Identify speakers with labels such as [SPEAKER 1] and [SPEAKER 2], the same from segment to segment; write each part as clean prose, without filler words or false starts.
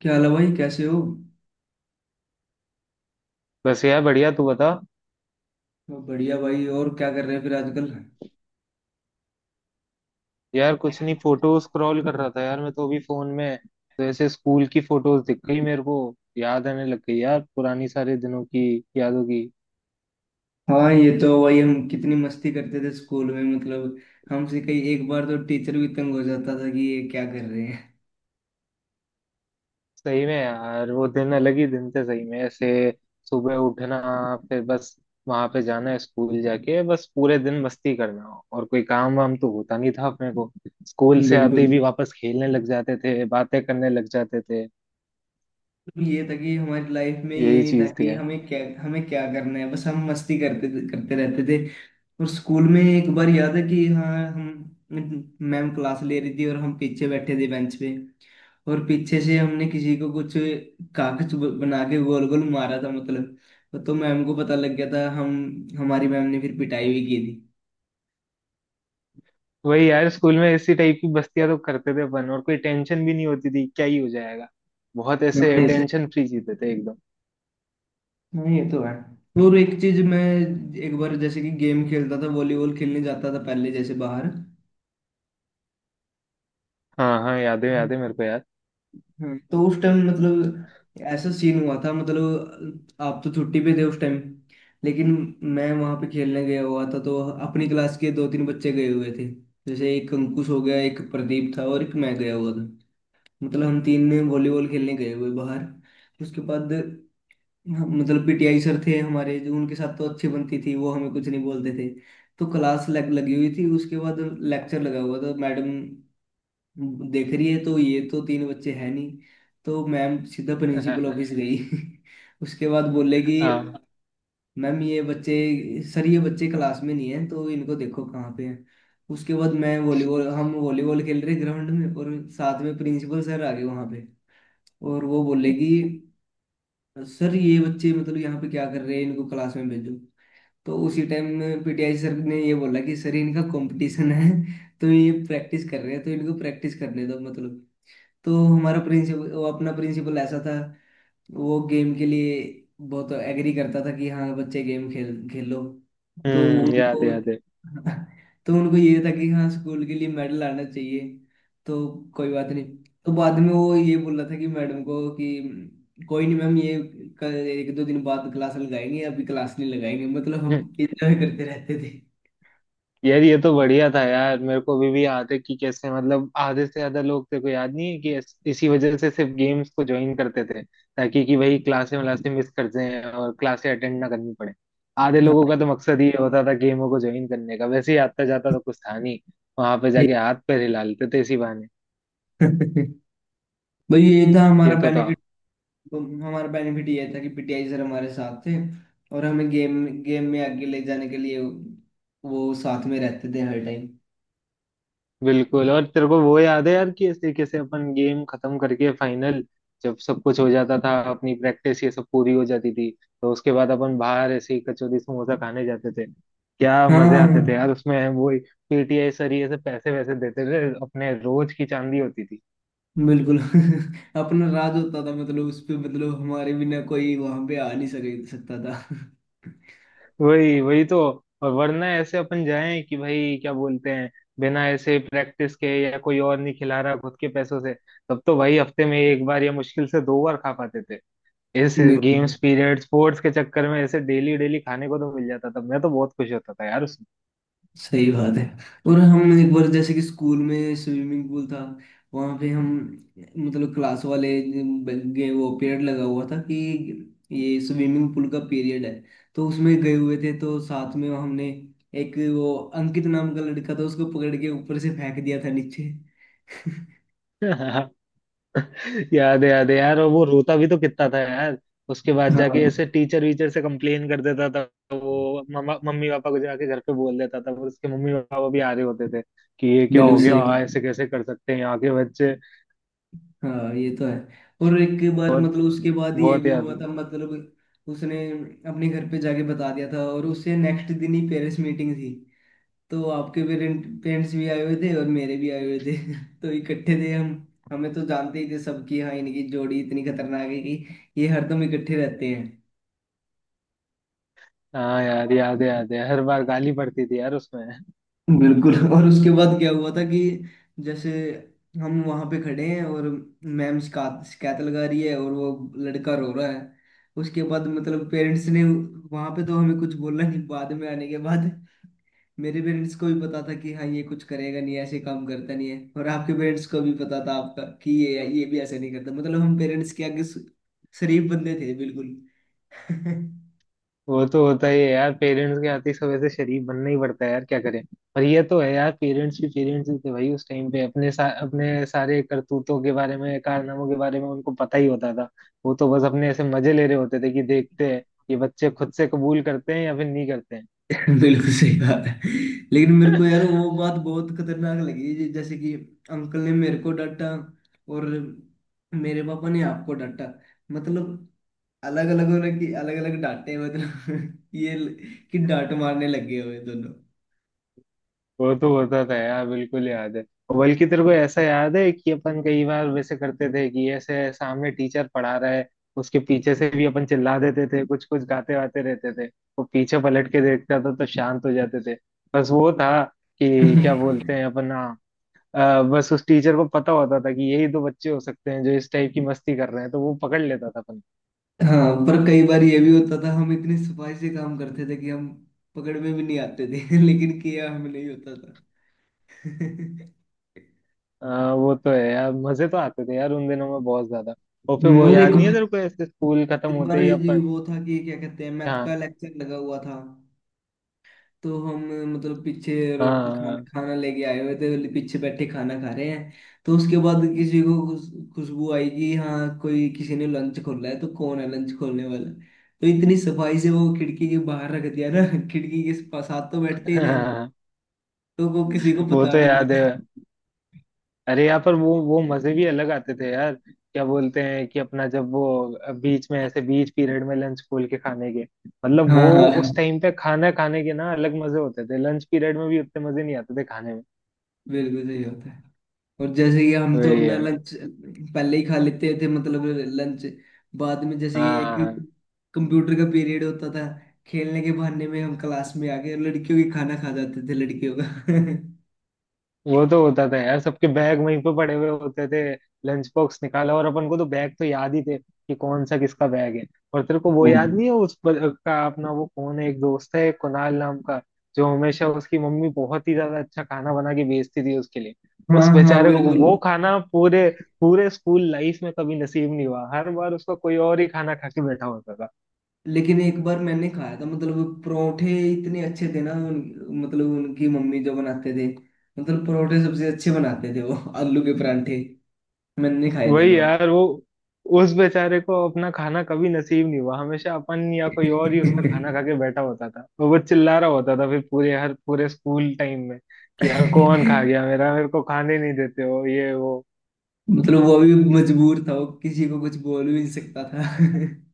[SPEAKER 1] क्या हाल है भाई, कैसे हो।
[SPEAKER 2] बस यार बढ़िया। तू बता।
[SPEAKER 1] मैं बढ़िया भाई। और क्या कर रहे हैं फिर आजकल।
[SPEAKER 2] यार कुछ नहीं, फोटो स्क्रॉल कर रहा था यार, मैं तो अभी फोन में। तो ऐसे स्कूल की फोटोज दिख गई मेरे को। याद आने लग गई यार पुरानी सारे दिनों की, यादों की।
[SPEAKER 1] हाँ, ये तो भाई हम कितनी मस्ती करते थे स्कूल में, मतलब। हमसे कई एक बार तो टीचर भी तंग हो जाता था कि ये क्या कर रहे हैं।
[SPEAKER 2] सही में यार वो दिन अलग ही दिन थे। सही में ऐसे सुबह उठना, फिर बस वहां पे जाना, स्कूल जाके बस पूरे दिन मस्ती करना, और कोई काम वाम तो होता नहीं था अपने को। स्कूल से
[SPEAKER 1] बिल्कुल,
[SPEAKER 2] आते ही भी
[SPEAKER 1] मतलब।
[SPEAKER 2] वापस खेलने लग जाते थे, बातें करने लग जाते थे।
[SPEAKER 1] ये था कि हमारी लाइफ में ये
[SPEAKER 2] यही
[SPEAKER 1] नहीं था
[SPEAKER 2] चीज थी।
[SPEAKER 1] कि हमें क्या करना है, बस हम मस्ती करते करते रहते थे। और स्कूल में एक बार याद है कि हाँ, हम, मैम क्लास ले रही थी और हम पीछे बैठे थे बेंच पे। और पीछे से हमने किसी को कुछ कागज बना के गोल गोल मारा था, मतलब। तो मैम को पता लग गया था। हम हमारी मैम ने फिर पिटाई भी की थी।
[SPEAKER 2] वही यार, स्कूल में इसी टाइप की बस्तियां तो करते थे अपन, और कोई टेंशन भी नहीं होती थी क्या ही हो जाएगा। बहुत
[SPEAKER 1] हाँ,
[SPEAKER 2] ऐसे
[SPEAKER 1] ऐसे।
[SPEAKER 2] टेंशन फ्री जीते थे एकदम।
[SPEAKER 1] हाँ, ये तो है। और एक चीज मैं, एक बार जैसे कि गेम खेलता था, वॉलीबॉल खेलने जाता था पहले जैसे बाहर।
[SPEAKER 2] हाँ हाँ, याद है मेरे को यार।
[SPEAKER 1] हम्म। तो उस टाइम मतलब ऐसा सीन हुआ था, मतलब आप तो छुट्टी पे थे उस टाइम। लेकिन मैं वहां पे खेलने गया हुआ था, तो अपनी क्लास के दो तीन बच्चे गए हुए थे। जैसे एक अंकुश हो गया, एक प्रदीप था और एक मैं गया हुआ था। मतलब हम तीन वॉलीबॉल खेलने गए हुए बाहर। उसके बाद मतलब पीटीआई सर थे हमारे, जो उनके साथ तो अच्छी बनती थी, वो हमें कुछ नहीं बोलते थे। तो क्लास लग लगी हुई थी। उसके बाद लेक्चर लगा हुआ था, मैडम देख रही है तो ये तो तीन बच्चे हैं नहीं। तो मैम सीधा प्रिंसिपल ऑफिस गई। उसके बाद बोले कि
[SPEAKER 2] हाँ।
[SPEAKER 1] मैम ये बच्चे, सर ये बच्चे क्लास में नहीं है, तो इनको देखो कहाँ पे हैं। उसके बाद मैं वॉलीबॉल हम वॉलीबॉल खेल रहे ग्राउंड में, और साथ में प्रिंसिपल सर आ गए वहाँ पे। और वो बोले कि सर ये बच्चे मतलब यहाँ पे क्या कर रहे हैं, इनको क्लास में भेजो। तो उसी टाइम पीटीआई सर ने ये बोला कि सर इनका कंपटीशन है, तो ये प्रैक्टिस कर रहे हैं, तो इनको प्रैक्टिस करने दो, मतलब। तो हमारा प्रिंसिपल, अपना प्रिंसिपल ऐसा था, वो गेम के लिए बहुत एग्री करता था कि हाँ बच्चे गेम खेल खेलो। तो
[SPEAKER 2] हम्म,
[SPEAKER 1] उनको
[SPEAKER 2] याद
[SPEAKER 1] तो उनको ये था कि हाँ स्कूल के लिए मेडल आना चाहिए। तो कोई बात नहीं। तो बाद में वो ये बोल रहा था कि मैडम को कि कोई नहीं मैम, ये कल एक दो दिन बाद क्लास लगाएंगे, अभी क्लास नहीं लगाएंगे, मतलब हम
[SPEAKER 2] है
[SPEAKER 1] इंजॉय करते रहते थे।
[SPEAKER 2] यार। ये तो बढ़िया था यार, मेरे को अभी भी याद है कि कैसे मतलब आधे से ज्यादा लोग तेरे को याद नहीं है कि इसी वजह से सिर्फ गेम्स को ज्वाइन करते थे ताकि कि वही क्लासें वलासें मिस कर जाएं और क्लासें अटेंड ना करनी पड़े। आधे लोगों
[SPEAKER 1] हाँ।
[SPEAKER 2] का तो मकसद ही होता था गेमों को ज्वाइन करने का, वैसे ही आता जाता तो कुछ था नहीं। वहां पे
[SPEAKER 1] जी।
[SPEAKER 2] जाके हाथ पैर हिला लेते थे इसी बहाने।
[SPEAKER 1] भाई ये था हमारा
[SPEAKER 2] ये तो था।
[SPEAKER 1] बेनिफिट। तो हमारा बेनिफिट ये था कि पीटीआई सर हमारे साथ थे, और हमें गेम गेम में आगे ले जाने के लिए वो साथ में रहते थे हर टाइम।
[SPEAKER 2] बिल्कुल, और तेरे को वो याद है यार कि इस तरीके से अपन गेम खत्म करके फाइनल, जब सब कुछ हो जाता था अपनी प्रैक्टिस ये सब पूरी हो जाती थी, तो उसके बाद अपन बाहर ऐसे ही कचौरी समोसा खाने जाते थे। क्या
[SPEAKER 1] हाँ, हाँ,
[SPEAKER 2] मजे आते थे
[SPEAKER 1] हाँ।
[SPEAKER 2] यार उसमें। वो पीटीआई सर ये सब पैसे वैसे देते थे, अपने रोज की चांदी होती थी।
[SPEAKER 1] बिल्कुल। अपना राज होता था, मतलब उस पे, मतलब हमारे बिना कोई वहां पे आ नहीं सके सकता था।
[SPEAKER 2] वही वही तो। और वरना ऐसे अपन जाएं कि भाई क्या बोलते हैं, बिना ऐसे प्रैक्टिस के या कोई और नहीं खिला रहा खुद के पैसों से, तब तो भाई हफ्ते में एक बार या मुश्किल से दो बार खा पाते थे। इस
[SPEAKER 1] बिल्कुल
[SPEAKER 2] गेम्स पीरियड स्पोर्ट्स के चक्कर में ऐसे डेली डेली खाने को तो मिल जाता था, मैं तो बहुत खुश होता था यार उसमें।
[SPEAKER 1] सही बात है। और हम एक बार जैसे कि स्कूल में स्विमिंग पूल था, वहां पे हम, मतलब क्लास वाले गए, वो पीरियड लगा हुआ था कि ये स्विमिंग पूल का पीरियड है। तो उसमें गए हुए थे, तो साथ में हमने एक वो अंकित नाम का लड़का था, उसको पकड़ के ऊपर से फेंक दिया था नीचे।
[SPEAKER 2] याद है यार, और वो रोता भी तो कितना था यार। उसके बाद जाके ऐसे
[SPEAKER 1] हाँ
[SPEAKER 2] टीचर वीचर से कंप्लेन कर देता था। वो मम्मा मम्मी पापा को जाके घर पे बोल देता था, फिर उसके मम्मी पापा भी आ रहे होते थे कि ये क्या हो
[SPEAKER 1] बिल्कुल सही।
[SPEAKER 2] गया, ऐसे कैसे कर सकते हैं यहाँ के बच्चे।
[SPEAKER 1] हाँ, ये तो है। और एक बार
[SPEAKER 2] बहुत
[SPEAKER 1] मतलब उसके बाद ये
[SPEAKER 2] बहुत
[SPEAKER 1] भी
[SPEAKER 2] याद।
[SPEAKER 1] हुआ था, मतलब उसने अपने घर पे जाके बता दिया था, और उससे नेक्स्ट दिन ही पेरेंट्स मीटिंग थी। तो आपके पेरेंट्स भी आए हुए थे और मेरे भी आए हुए थे। तो इकट्ठे थे हम। हमें तो जानते ही थे सब कि हाँ, इनकी जोड़ी इतनी खतरनाक है कि ये हरदम इकट्ठे रहते हैं।
[SPEAKER 2] हाँ यार, याद है याद है, हर बार गाली पड़ती थी यार उसमें।
[SPEAKER 1] बिल्कुल। और उसके बाद क्या हुआ था कि जैसे हम वहां पे खड़े हैं, और मैम शिकायत शिकायत लगा रही है, और वो लड़का रो रहा है। उसके बाद मतलब पेरेंट्स ने वहां पे तो हमें कुछ बोला नहीं, बाद में आने के बाद मेरे पेरेंट्स को भी पता था कि हाँ, ये कुछ करेगा नहीं, ऐसे काम करता नहीं है, और आपके पेरेंट्स को भी पता था आपका कि ये भी ऐसे नहीं करता, मतलब हम पेरेंट्स के आगे शरीफ बंदे थे बिल्कुल।
[SPEAKER 2] वो तो होता ही है यार, पेरेंट्स के आते ही सब ऐसे शरीफ बनना ही पड़ता है यार, क्या करें। पर ये तो है यार, पेरेंट्स भी पेरेंट्स ही थे भाई उस टाइम पे, अपने सारे करतूतों के बारे में कारनामों के बारे में उनको पता ही होता था। वो तो बस अपने ऐसे मजे ले रहे होते थे कि देखते हैं ये बच्चे खुद से कबूल करते हैं या फिर नहीं करते हैं।
[SPEAKER 1] बिल्कुल सही बात है। लेकिन मेरे को यार वो बात बहुत खतरनाक लगी जैसे कि अंकल ने मेरे को डांटा और मेरे पापा ने आपको डांटा। मतलब अलग अलग होने की अलग अलग डांटे, मतलब, कि डांट मारने लगे हुए दोनों।
[SPEAKER 2] वो तो होता था यार, बिल्कुल याद है। और बल्कि तेरे को ऐसा याद है कि अपन कई बार वैसे करते थे कि ऐसे सामने टीचर पढ़ा रहा है, उसके पीछे से भी अपन चिल्ला देते थे, कुछ कुछ गाते वाते रहते थे। वो पीछे पलट के देखता था तो शांत हो जाते थे। बस वो था कि क्या बोलते हैं अपन, हाँ। बस उस टीचर को पता होता था कि यही दो बच्चे हो सकते हैं जो इस टाइप की मस्ती कर रहे हैं, तो वो पकड़ लेता था अपन।
[SPEAKER 1] हाँ पर कई बार ये भी होता था, हम इतनी सफाई से काम करते थे कि हम पकड़ में भी नहीं आते थे। लेकिन किया हमें नहीं होता था।
[SPEAKER 2] वो तो है यार, मजे तो आते थे यार उन दिनों में बहुत ज्यादा। और फिर वो
[SPEAKER 1] और एक,
[SPEAKER 2] याद नहीं है तेरे को ऐसे स्कूल खत्म
[SPEAKER 1] एक
[SPEAKER 2] होते
[SPEAKER 1] बार
[SPEAKER 2] ही
[SPEAKER 1] ये जी
[SPEAKER 2] अपन।
[SPEAKER 1] वो था कि क्या कहते हैं, मैथ
[SPEAKER 2] हाँ,
[SPEAKER 1] का लेक्चर लगा हुआ था। तो हम मतलब पीछे रोटी खाना
[SPEAKER 2] हाँ।
[SPEAKER 1] खाना लेके आए हुए थे, पीछे बैठे खाना खा रहे हैं। तो उसके बाद किसी को खुशबू आई कि हाँ कोई, किसी ने लंच खोला है, तो कौन है लंच खोलने वाला। तो इतनी सफाई से वो खिड़की के बाहर रख दिया ना। खिड़की के साथ तो बैठते ही थे,
[SPEAKER 2] हाँ,
[SPEAKER 1] तो वो किसी को
[SPEAKER 2] वो
[SPEAKER 1] पता
[SPEAKER 2] तो
[SPEAKER 1] भी
[SPEAKER 2] याद
[SPEAKER 1] लगे।
[SPEAKER 2] है। अरे यहाँ पर वो मजे भी अलग आते थे यार, क्या बोलते हैं कि अपना जब वो बीच में ऐसे बीच पीरियड में लंच खोल के खाने के मतलब, वो
[SPEAKER 1] हाँ,
[SPEAKER 2] उस
[SPEAKER 1] हाँ,
[SPEAKER 2] टाइम पे खाना खाने के ना अलग मजे होते थे, लंच पीरियड में भी उतने मजे नहीं आते थे खाने में।
[SPEAKER 1] बिल्कुल सही होता है। और जैसे कि हम तो
[SPEAKER 2] वही
[SPEAKER 1] अपना
[SPEAKER 2] यार।
[SPEAKER 1] लंच पहले ही खा लेते थे, मतलब लंच, बाद में जैसे कि एक
[SPEAKER 2] हाँ
[SPEAKER 1] कंप्यूटर का पीरियड होता था, खेलने के बहाने में हम क्लास में आ गए और लड़कियों की खाना खा जाते थे, लड़कियों का।
[SPEAKER 2] वो तो होता था यार, सबके बैग वहीं पे पड़े हुए होते थे। लंच बॉक्स निकाला, और अपन को तो बैग तो याद ही थे कि कौन सा किसका बैग है। और तेरे को वो
[SPEAKER 1] हाँ
[SPEAKER 2] याद
[SPEAKER 1] जी।
[SPEAKER 2] नहीं है उस ब- का अपना वो कौन है एक दोस्त है कुणाल नाम का, जो हमेशा उसकी मम्मी बहुत ही ज्यादा अच्छा खाना बना के भेजती थी उसके लिए।
[SPEAKER 1] हाँ,
[SPEAKER 2] उस
[SPEAKER 1] हाँ,
[SPEAKER 2] बेचारे को
[SPEAKER 1] बिल्कुल।
[SPEAKER 2] वो खाना पूरे पूरे स्कूल लाइफ में कभी नसीब नहीं हुआ, हर बार उसका कोई और ही खाना खा के बैठा होता था।
[SPEAKER 1] लेकिन एक बार मैंने खाया था, मतलब परोठे इतने अच्छे थे ना मतलब उनकी मम्मी जो बनाते थे, मतलब परोठे सबसे अच्छे बनाते थे वो, आलू के परांठे, मैंने खाए थे एक
[SPEAKER 2] वही
[SPEAKER 1] बार।
[SPEAKER 2] यार वो, उस बेचारे को अपना खाना कभी नसीब नहीं हुआ, हमेशा अपन या कोई और ही उसका खाना खा के बैठा होता था, और वो चिल्ला रहा होता था फिर पूरे हर पूरे स्कूल टाइम में कि यार कौन खा
[SPEAKER 1] मतलब
[SPEAKER 2] गया मेरा, मेरे को खाने नहीं देते हो ये वो।
[SPEAKER 1] वो भी मजबूर था, वो किसी को कुछ बोल भी नहीं सकता था।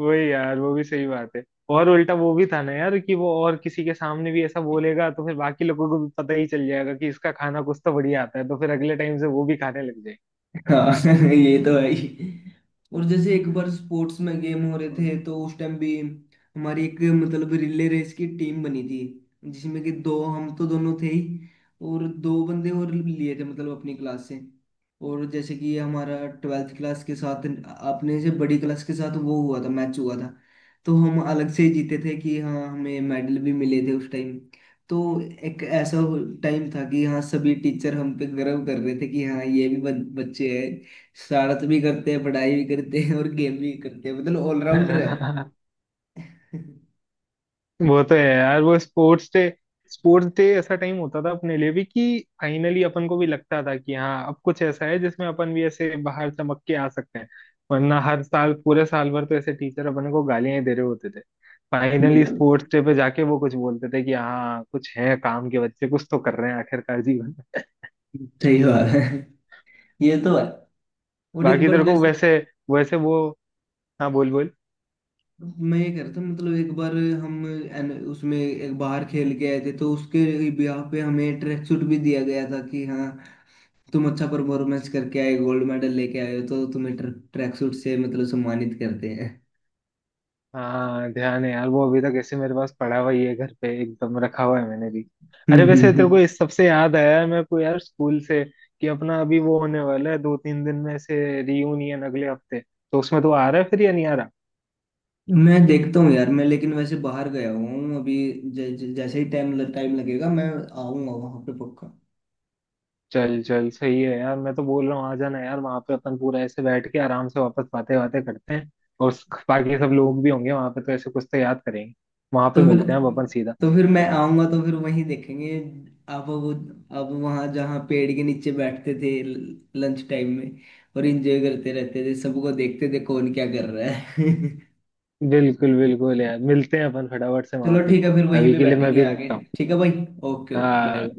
[SPEAKER 2] वही यार, वो भी सही बात है। और उल्टा वो भी था ना यार कि वो और किसी के सामने भी ऐसा बोलेगा तो फिर बाकी लोगों को भी पता ही चल जाएगा कि इसका खाना कुछ तो बढ़िया आता है, तो फिर अगले टाइम से वो भी खाने लग
[SPEAKER 1] हाँ। ये तो है ही। और जैसे एक बार स्पोर्ट्स में गेम हो रहे थे, तो उस टाइम भी हमारी एक मतलब रिले रेस की टीम बनी थी, जिसमें कि दो, हम तो दोनों थे ही, और दो बंदे और लिए थे मतलब अपनी क्लास से। और जैसे कि ये हमारा ट्वेल्थ क्लास के साथ, अपने से बड़ी क्लास के साथ वो हुआ था, मैच हुआ था, तो हम अलग से ही जीते थे कि हाँ हमें मेडल भी मिले थे उस टाइम। तो एक ऐसा टाइम था कि हाँ सभी टीचर हम पे गर्व कर रहे थे कि हाँ ये भी बच्चे हैं, शरारत भी करते हैं, पढ़ाई भी करते हैं और गेम भी करते हैं, मतलब ऑलराउंडर है।
[SPEAKER 2] जाए। वो तो है यार, वो स्पोर्ट्स डे, स्पोर्ट्स डे ऐसा टाइम होता था अपने लिए भी कि फाइनली अपन को भी लगता था कि हाँ अब कुछ ऐसा है जिसमें अपन भी ऐसे बाहर चमक के आ सकते हैं। वरना हर साल पूरे साल भर तो ऐसे टीचर अपन को गालियां ही दे रहे होते थे। फाइनली
[SPEAKER 1] बिल्कुल
[SPEAKER 2] स्पोर्ट्स डे पे जाके वो कुछ बोलते थे कि हाँ कुछ है काम के बच्चे, कुछ तो कर रहे हैं आखिरकार जीवन में।
[SPEAKER 1] सही बात है। ये तो है। और एक
[SPEAKER 2] बाकी
[SPEAKER 1] बार
[SPEAKER 2] तेरे को
[SPEAKER 1] जैसे,
[SPEAKER 2] वैसे, वैसे वो, हाँ बोल बोल।
[SPEAKER 1] मैं ये कह रहा था मतलब एक बार हम उसमें एक बाहर खेल के आए थे, तो उसके ब्याह पे हमें ट्रैक सूट भी दिया गया था कि हाँ तुम अच्छा परफॉर्मेंस करके आए, गोल्ड मेडल लेके आए हो तो तुम्हें ट्रैक सूट से मतलब सम्मानित करते हैं।
[SPEAKER 2] हाँ ध्यान है यार, वो अभी तक ऐसे मेरे पास पड़ा हुआ ही है घर पे, एकदम रखा हुआ है मैंने भी। अरे
[SPEAKER 1] हम्म,
[SPEAKER 2] वैसे तेरे को इस सबसे याद आया है मेरे को यार स्कूल से, कि अपना अभी वो होने वाला है दो तीन दिन में से रियूनियन अगले हफ्ते। तो उसमें तो आ रहा है फिर या नहीं आ रहा।
[SPEAKER 1] मैं देखता हूँ यार, मैं लेकिन वैसे बाहर गया हुआ हूँ अभी। ज, ज, जैसे ही टाइम टाइम लगेगा, मैं आऊंगा वहां पे पक्का।
[SPEAKER 2] चल चल सही है यार, मैं तो बोल रहा हूँ आ जाना यार वहां पे, अपन पूरा ऐसे बैठ के आराम से वापस बातें बातें करते हैं। और बाकी सब लोग भी होंगे वहां पे तो ऐसे कुछ तो याद करेंगे। वहां पे
[SPEAKER 1] तो फिर
[SPEAKER 2] मिलते हैं अब अपन सीधा।
[SPEAKER 1] तो फिर मैं आऊंगा, तो फिर वहीं देखेंगे। आप वो आप वहां जहाँ पेड़ के नीचे बैठते थे लंच टाइम में, और एंजॉय करते रहते थे, सबको देखते थे कौन क्या कर रहा है।
[SPEAKER 2] बिल्कुल बिल्कुल यार, मिलते हैं अपन फटाफट से वहां
[SPEAKER 1] चलो
[SPEAKER 2] पे।
[SPEAKER 1] ठीक है, फिर वहीं
[SPEAKER 2] अभी
[SPEAKER 1] पे
[SPEAKER 2] के लिए मैं
[SPEAKER 1] बैठेंगे
[SPEAKER 2] भी
[SPEAKER 1] आगे।
[SPEAKER 2] रखता हूँ।
[SPEAKER 1] ठीक है भाई। ओके। बाय।
[SPEAKER 2] हाँ।